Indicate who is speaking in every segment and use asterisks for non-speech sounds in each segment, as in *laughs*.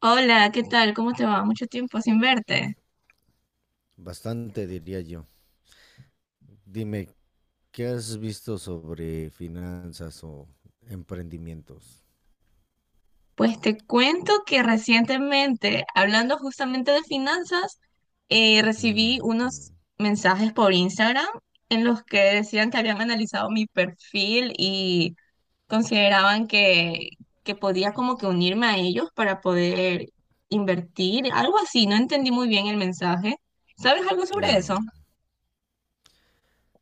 Speaker 1: Hola, ¿qué tal? ¿Cómo te va? Mucho tiempo sin verte.
Speaker 2: Bastante, diría yo. Dime, ¿qué has visto sobre finanzas o emprendimientos?
Speaker 1: Pues te cuento que recientemente, hablando justamente de finanzas,
Speaker 2: Mm,
Speaker 1: recibí
Speaker 2: mm,
Speaker 1: unos mensajes por Instagram en los que decían que habían analizado mi perfil y consideraban que podía como que unirme a ellos para poder invertir, algo así. No entendí muy bien el mensaje. ¿Sabes algo sobre eso?
Speaker 2: claro.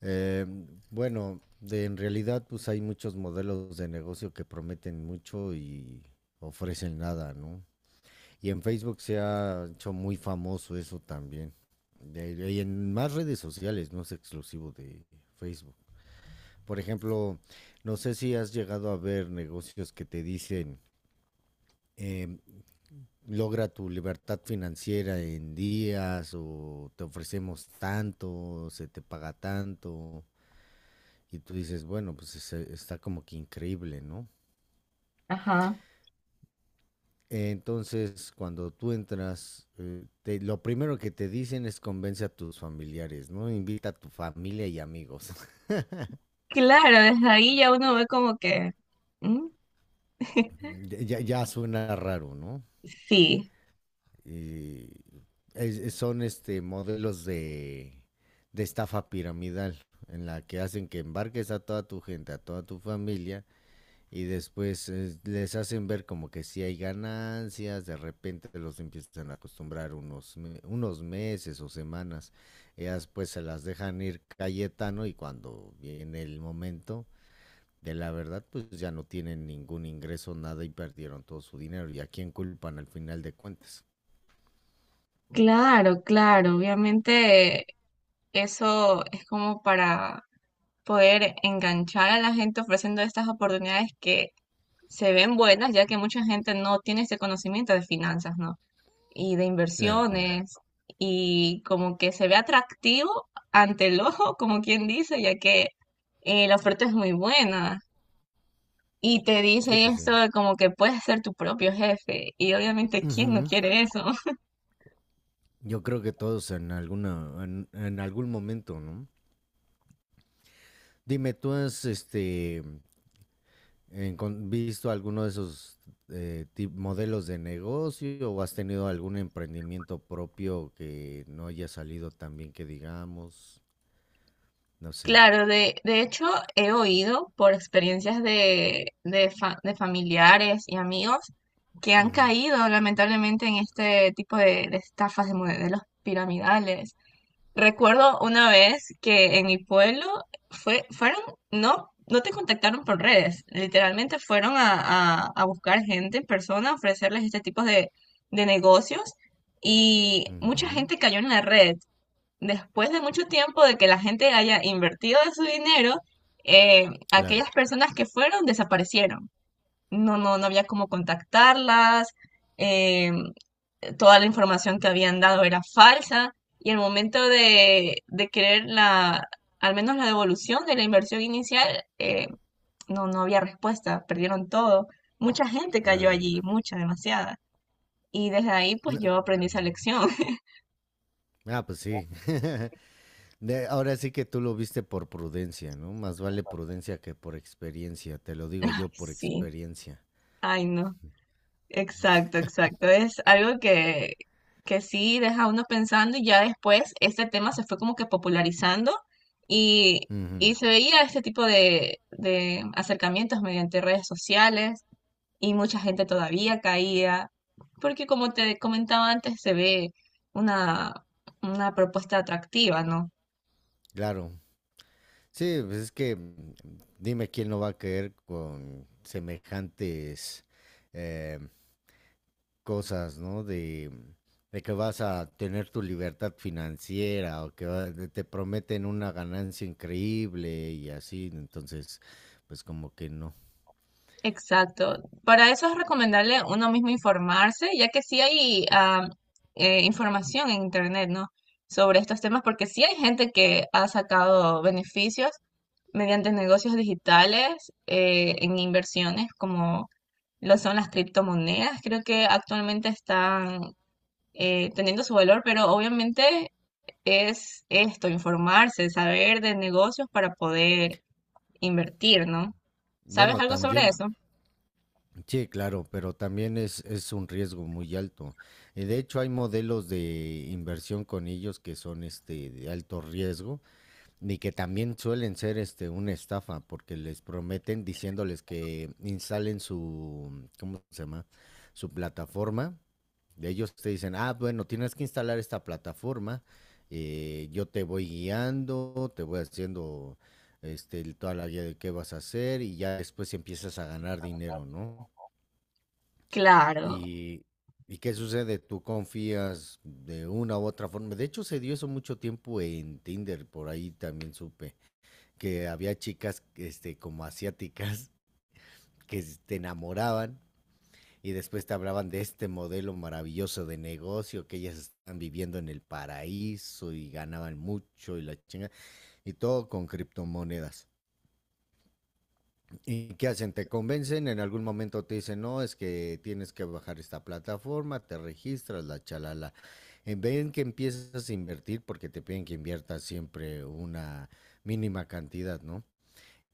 Speaker 2: Eh, en realidad, pues hay muchos modelos de negocio que prometen mucho y ofrecen nada, ¿no? Y en Facebook se ha hecho muy famoso eso también. Y en más redes sociales, no es exclusivo de Facebook. Por ejemplo, no sé si has llegado a ver negocios que te dicen, em, logra tu libertad financiera en días o te ofrecemos tanto, se te paga tanto y tú dices, bueno, pues está como que increíble, ¿no?
Speaker 1: Ajá.
Speaker 2: Entonces, cuando tú entras, lo primero que te dicen es convence a tus familiares, ¿no? Invita a tu familia y amigos. *laughs*
Speaker 1: Claro, desde ahí ya uno ve como que... ¿Mm? *laughs*
Speaker 2: Ya, ya suena raro, ¿no?
Speaker 1: Sí.
Speaker 2: eh, Son este modelos de estafa piramidal en la que hacen que embarques a toda tu gente, a toda tu familia y después les hacen ver como que si hay ganancias, de repente los empiezan a acostumbrar unos meses o semanas. Ellas pues se las dejan ir Cayetano y cuando viene el momento de la verdad pues ya no tienen ningún ingreso, nada y perdieron todo su dinero. ¿Y a quién culpan al final de cuentas?
Speaker 1: Claro, claro, obviamente eso es como para poder enganchar a la gente ofreciendo estas oportunidades que se ven buenas, ya que mucha gente no tiene este conocimiento de finanzas, ¿no? Y de
Speaker 2: Claro.
Speaker 1: inversiones, y como que se ve atractivo ante el ojo, como quien dice, ya que la oferta es muy buena. Y te
Speaker 2: Sí,
Speaker 1: dice
Speaker 2: pues
Speaker 1: esto
Speaker 2: sí.
Speaker 1: de como que puedes ser tu propio jefe, y obviamente, ¿quién no
Speaker 2: Ujú.
Speaker 1: quiere eso?
Speaker 2: Yo creo que todos en en algún momento, ¿no? Dime, ¿tú has visto alguno de esos modelos de negocio o has tenido algún emprendimiento propio que no haya salido tan bien que digamos? No sé.
Speaker 1: Claro, de hecho he oído por experiencias de familiares y amigos que han
Speaker 2: Ujú,
Speaker 1: caído lamentablemente en este tipo de estafas de modelos piramidales. Recuerdo una vez que en mi pueblo fue, fueron, no, no te contactaron por redes, literalmente fueron a buscar gente en persona, a ofrecerles este tipo de negocios y mucha
Speaker 2: ujú.
Speaker 1: gente cayó en la red después de mucho tiempo de que la gente haya invertido de su dinero,
Speaker 2: Claro,
Speaker 1: aquellas personas que fueron desaparecieron. No había cómo contactarlas, eh, toda la información que habían dado era falsa y el momento de querer al menos la devolución de la inversión inicial, no había respuesta, perdieron todo. Mucha gente cayó
Speaker 2: claro.
Speaker 1: allí, mucha, demasiada. Y desde ahí pues
Speaker 2: No,
Speaker 1: yo aprendí esa
Speaker 2: ujú.
Speaker 1: lección. *laughs*
Speaker 2: Ah, pues sí. *laughs* Ahora sí que tú lo viste por prudencia, ¿no? Más vale prudencia que por experiencia, te lo
Speaker 1: Ay,
Speaker 2: digo yo por
Speaker 1: sí,
Speaker 2: experiencia.
Speaker 1: ay no. Exacto, exacto. Es algo que sí deja a uno pensando y ya después este tema se fue como que popularizando y, y
Speaker 2: Ujú,
Speaker 1: se veía este tipo de acercamientos mediante redes sociales y mucha gente todavía caía, porque como te comentaba antes, se ve una, una propuesta atractiva, ¿no?
Speaker 2: claro. Sí, pues es que dime quién no va a caer con semejantes eh, cosas, ¿no? De que vas a tener tu libertad financiera o te prometen una ganancia increíble y así, entonces, pues como que no.
Speaker 1: Exacto. Para eso es recomendable uno mismo informarse, ya que sí hay información en internet, ¿no? Sobre estos temas, porque sí hay gente que ha sacado beneficios mediante negocios digitales en inversiones, como lo son las criptomonedas. Creo que actualmente están teniendo su valor, pero obviamente es esto, informarse, saber de negocios para poder invertir, ¿no? ¿Sabes
Speaker 2: Bueno,
Speaker 1: algo sobre
Speaker 2: también
Speaker 1: eso?
Speaker 2: sí, claro, pero también es un riesgo muy alto. Y de hecho hay modelos de inversión con ellos que son este de alto riesgo y que también suelen ser este una estafa porque les prometen diciéndoles que instalen su, ¿cómo se llama? Su plataforma. De ellos te dicen, ah, bueno, tienes que instalar esta plataforma, yo te voy guiando, te voy haciendo este, toda la guía de qué vas a hacer y ya después empiezas a ganar dinero, ¿no?
Speaker 1: Claro,
Speaker 2: ¿Y, ¿y qué sucede? ¿Tú confías de una u otra forma? De hecho, se dio eso mucho tiempo en Tinder, por ahí también supe, que había chicas, este, como asiáticas *laughs* que te enamoraban y después te hablaban de este modelo maravilloso de negocio, que ellas están viviendo en el paraíso y ganaban mucho y la chinga, y todo con criptomonedas. ¿Y qué hacen? ¿Te convencen? En algún momento te dicen, no, es que tienes que bajar esta plataforma, te registras, la chalala. En vez que empiezas a invertir, porque te piden que inviertas siempre una mínima cantidad, ¿no?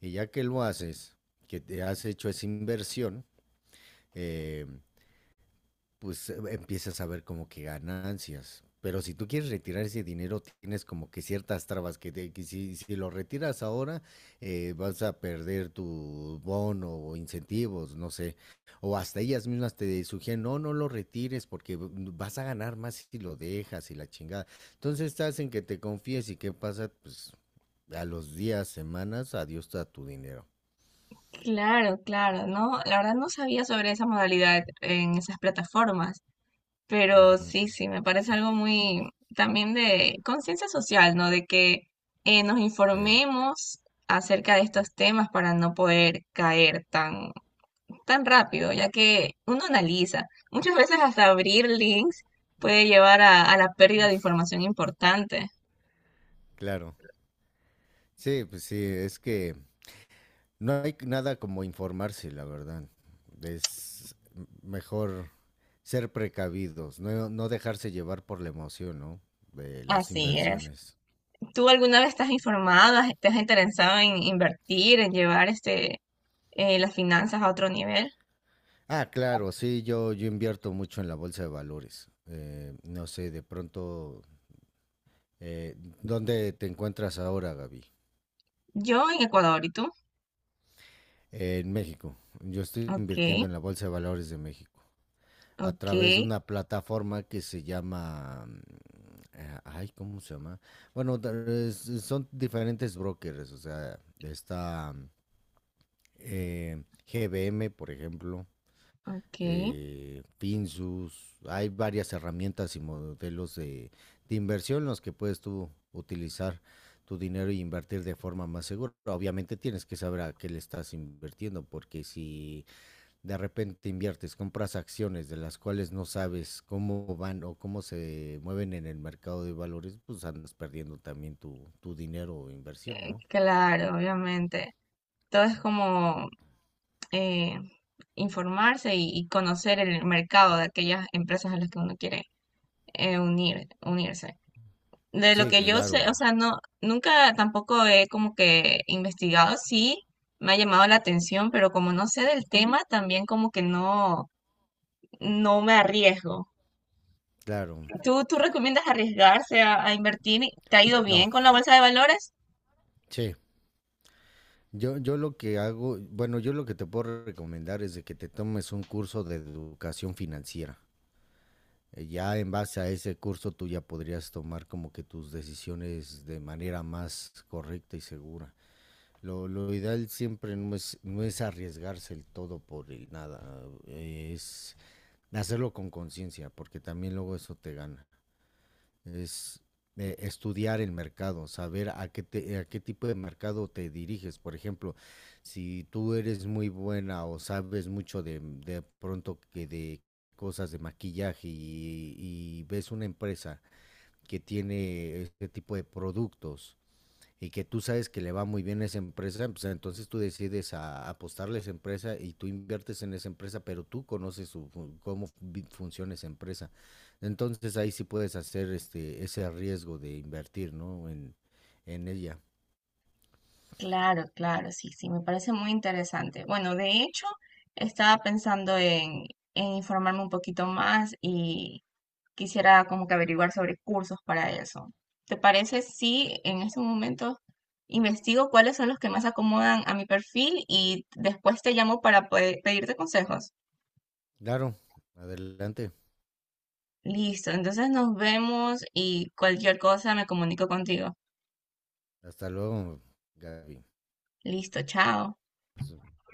Speaker 2: Y ya que lo haces, que te has hecho esa inversión, eh, pues empiezas a ver como que ganancias. Pero si tú quieres retirar ese dinero, tienes como que ciertas trabas que si lo retiras ahora, vas a perder tu bono o incentivos, no sé. O hasta ellas mismas te sugieren, no, no lo retires porque vas a ganar más si lo dejas y la chingada. Entonces estás en que te confíes y qué pasa, pues a los días, semanas, adiós a tu dinero.
Speaker 1: claro, claro, ¿no? La verdad no sabía sobre esa modalidad en esas plataformas, pero
Speaker 2: Ujú,
Speaker 1: sí, sí, me parece algo muy también de conciencia social, ¿no? De que nos
Speaker 2: sí,
Speaker 1: informemos acerca de estos temas para no poder caer tan, tan rápido, ya que uno analiza. Muchas veces hasta abrir links puede llevar a la pérdida de información importante.
Speaker 2: claro. Sí, pues sí, es que no hay nada como informarse, la verdad. Es mejor ser precavidos, no, no dejarse llevar por la emoción, ¿no? De las
Speaker 1: Así es.
Speaker 2: inversiones.
Speaker 1: ¿Tú alguna vez estás informado, te has interesado en invertir, en llevar este, las finanzas a otro nivel?
Speaker 2: Ah, claro, sí, yo invierto mucho en la bolsa de valores. No sé, de pronto, eh, ¿dónde te encuentras ahora, Gaby?
Speaker 1: Yo en Ecuador, ¿y tú?
Speaker 2: En México. Yo estoy invirtiendo
Speaker 1: Ok,
Speaker 2: en la bolsa de valores de México, a
Speaker 1: ok,
Speaker 2: través de una plataforma que se llama, mm, ay, ¿cómo se llama? Bueno, son diferentes brokers, o sea, está mm, GBM, por ejemplo,
Speaker 1: ok.
Speaker 2: Finsus, hay varias herramientas y modelos de inversión en los que puedes tú utilizar tu dinero y invertir de forma más segura. Obviamente tienes que saber a qué le estás invirtiendo, porque si de repente inviertes, compras acciones de las cuales no sabes cómo van o cómo se mueven en el mercado de valores, pues andas perdiendo también tu dinero o inversión, ¿no?
Speaker 1: Claro, obviamente. Todo es como eh, informarse y conocer el mercado de aquellas empresas a las que uno quiere unirse. De lo
Speaker 2: Sí,
Speaker 1: que yo sé, o
Speaker 2: claro,
Speaker 1: sea, no, nunca tampoco he como que investigado, sí, me ha llamado la atención, pero como no sé del tema, también como que no, no me arriesgo.
Speaker 2: claro.
Speaker 1: ¿¿Tú recomiendas arriesgarse a invertir? Y- ¿Te ha ido bien
Speaker 2: No,
Speaker 1: con la bolsa de valores?
Speaker 2: sí. Yo lo que hago, bueno, yo lo que te puedo recomendar es de que te tomes un curso de educación financiera. Ya en base a ese curso tú ya podrías tomar como que tus decisiones de manera más correcta y segura. Lo ideal siempre no es arriesgarse el todo por el nada, es hacerlo con conciencia, porque también luego eso te gana. Es estudiar el mercado, saber a a qué tipo de mercado te diriges. Por ejemplo, si tú eres muy buena o sabes mucho de pronto que de cosas de maquillaje y ves una empresa que tiene este tipo de productos y que tú sabes que le va muy bien a esa empresa, pues entonces tú decides a apostarle a esa empresa y tú inviertes en esa empresa, pero tú conoces su, cómo funciona esa empresa. Entonces ahí sí puedes hacer este ese riesgo de invertir, ¿no? En ella.
Speaker 1: Claro, claro, sí, sí, me parece muy interesante. Bueno, de hecho, estaba pensando en informarme un poquito más y quisiera como que averiguar sobre cursos para eso. ¿Te parece si en este momento investigo cuáles son los que más acomodan a mi perfil y después te llamo para poder pedirte consejos?
Speaker 2: Claro, adelante.
Speaker 1: Listo, entonces nos vemos y cualquier cosa me comunico contigo.
Speaker 2: Hasta luego, Gaby.
Speaker 1: Listo, chao.
Speaker 2: Pues,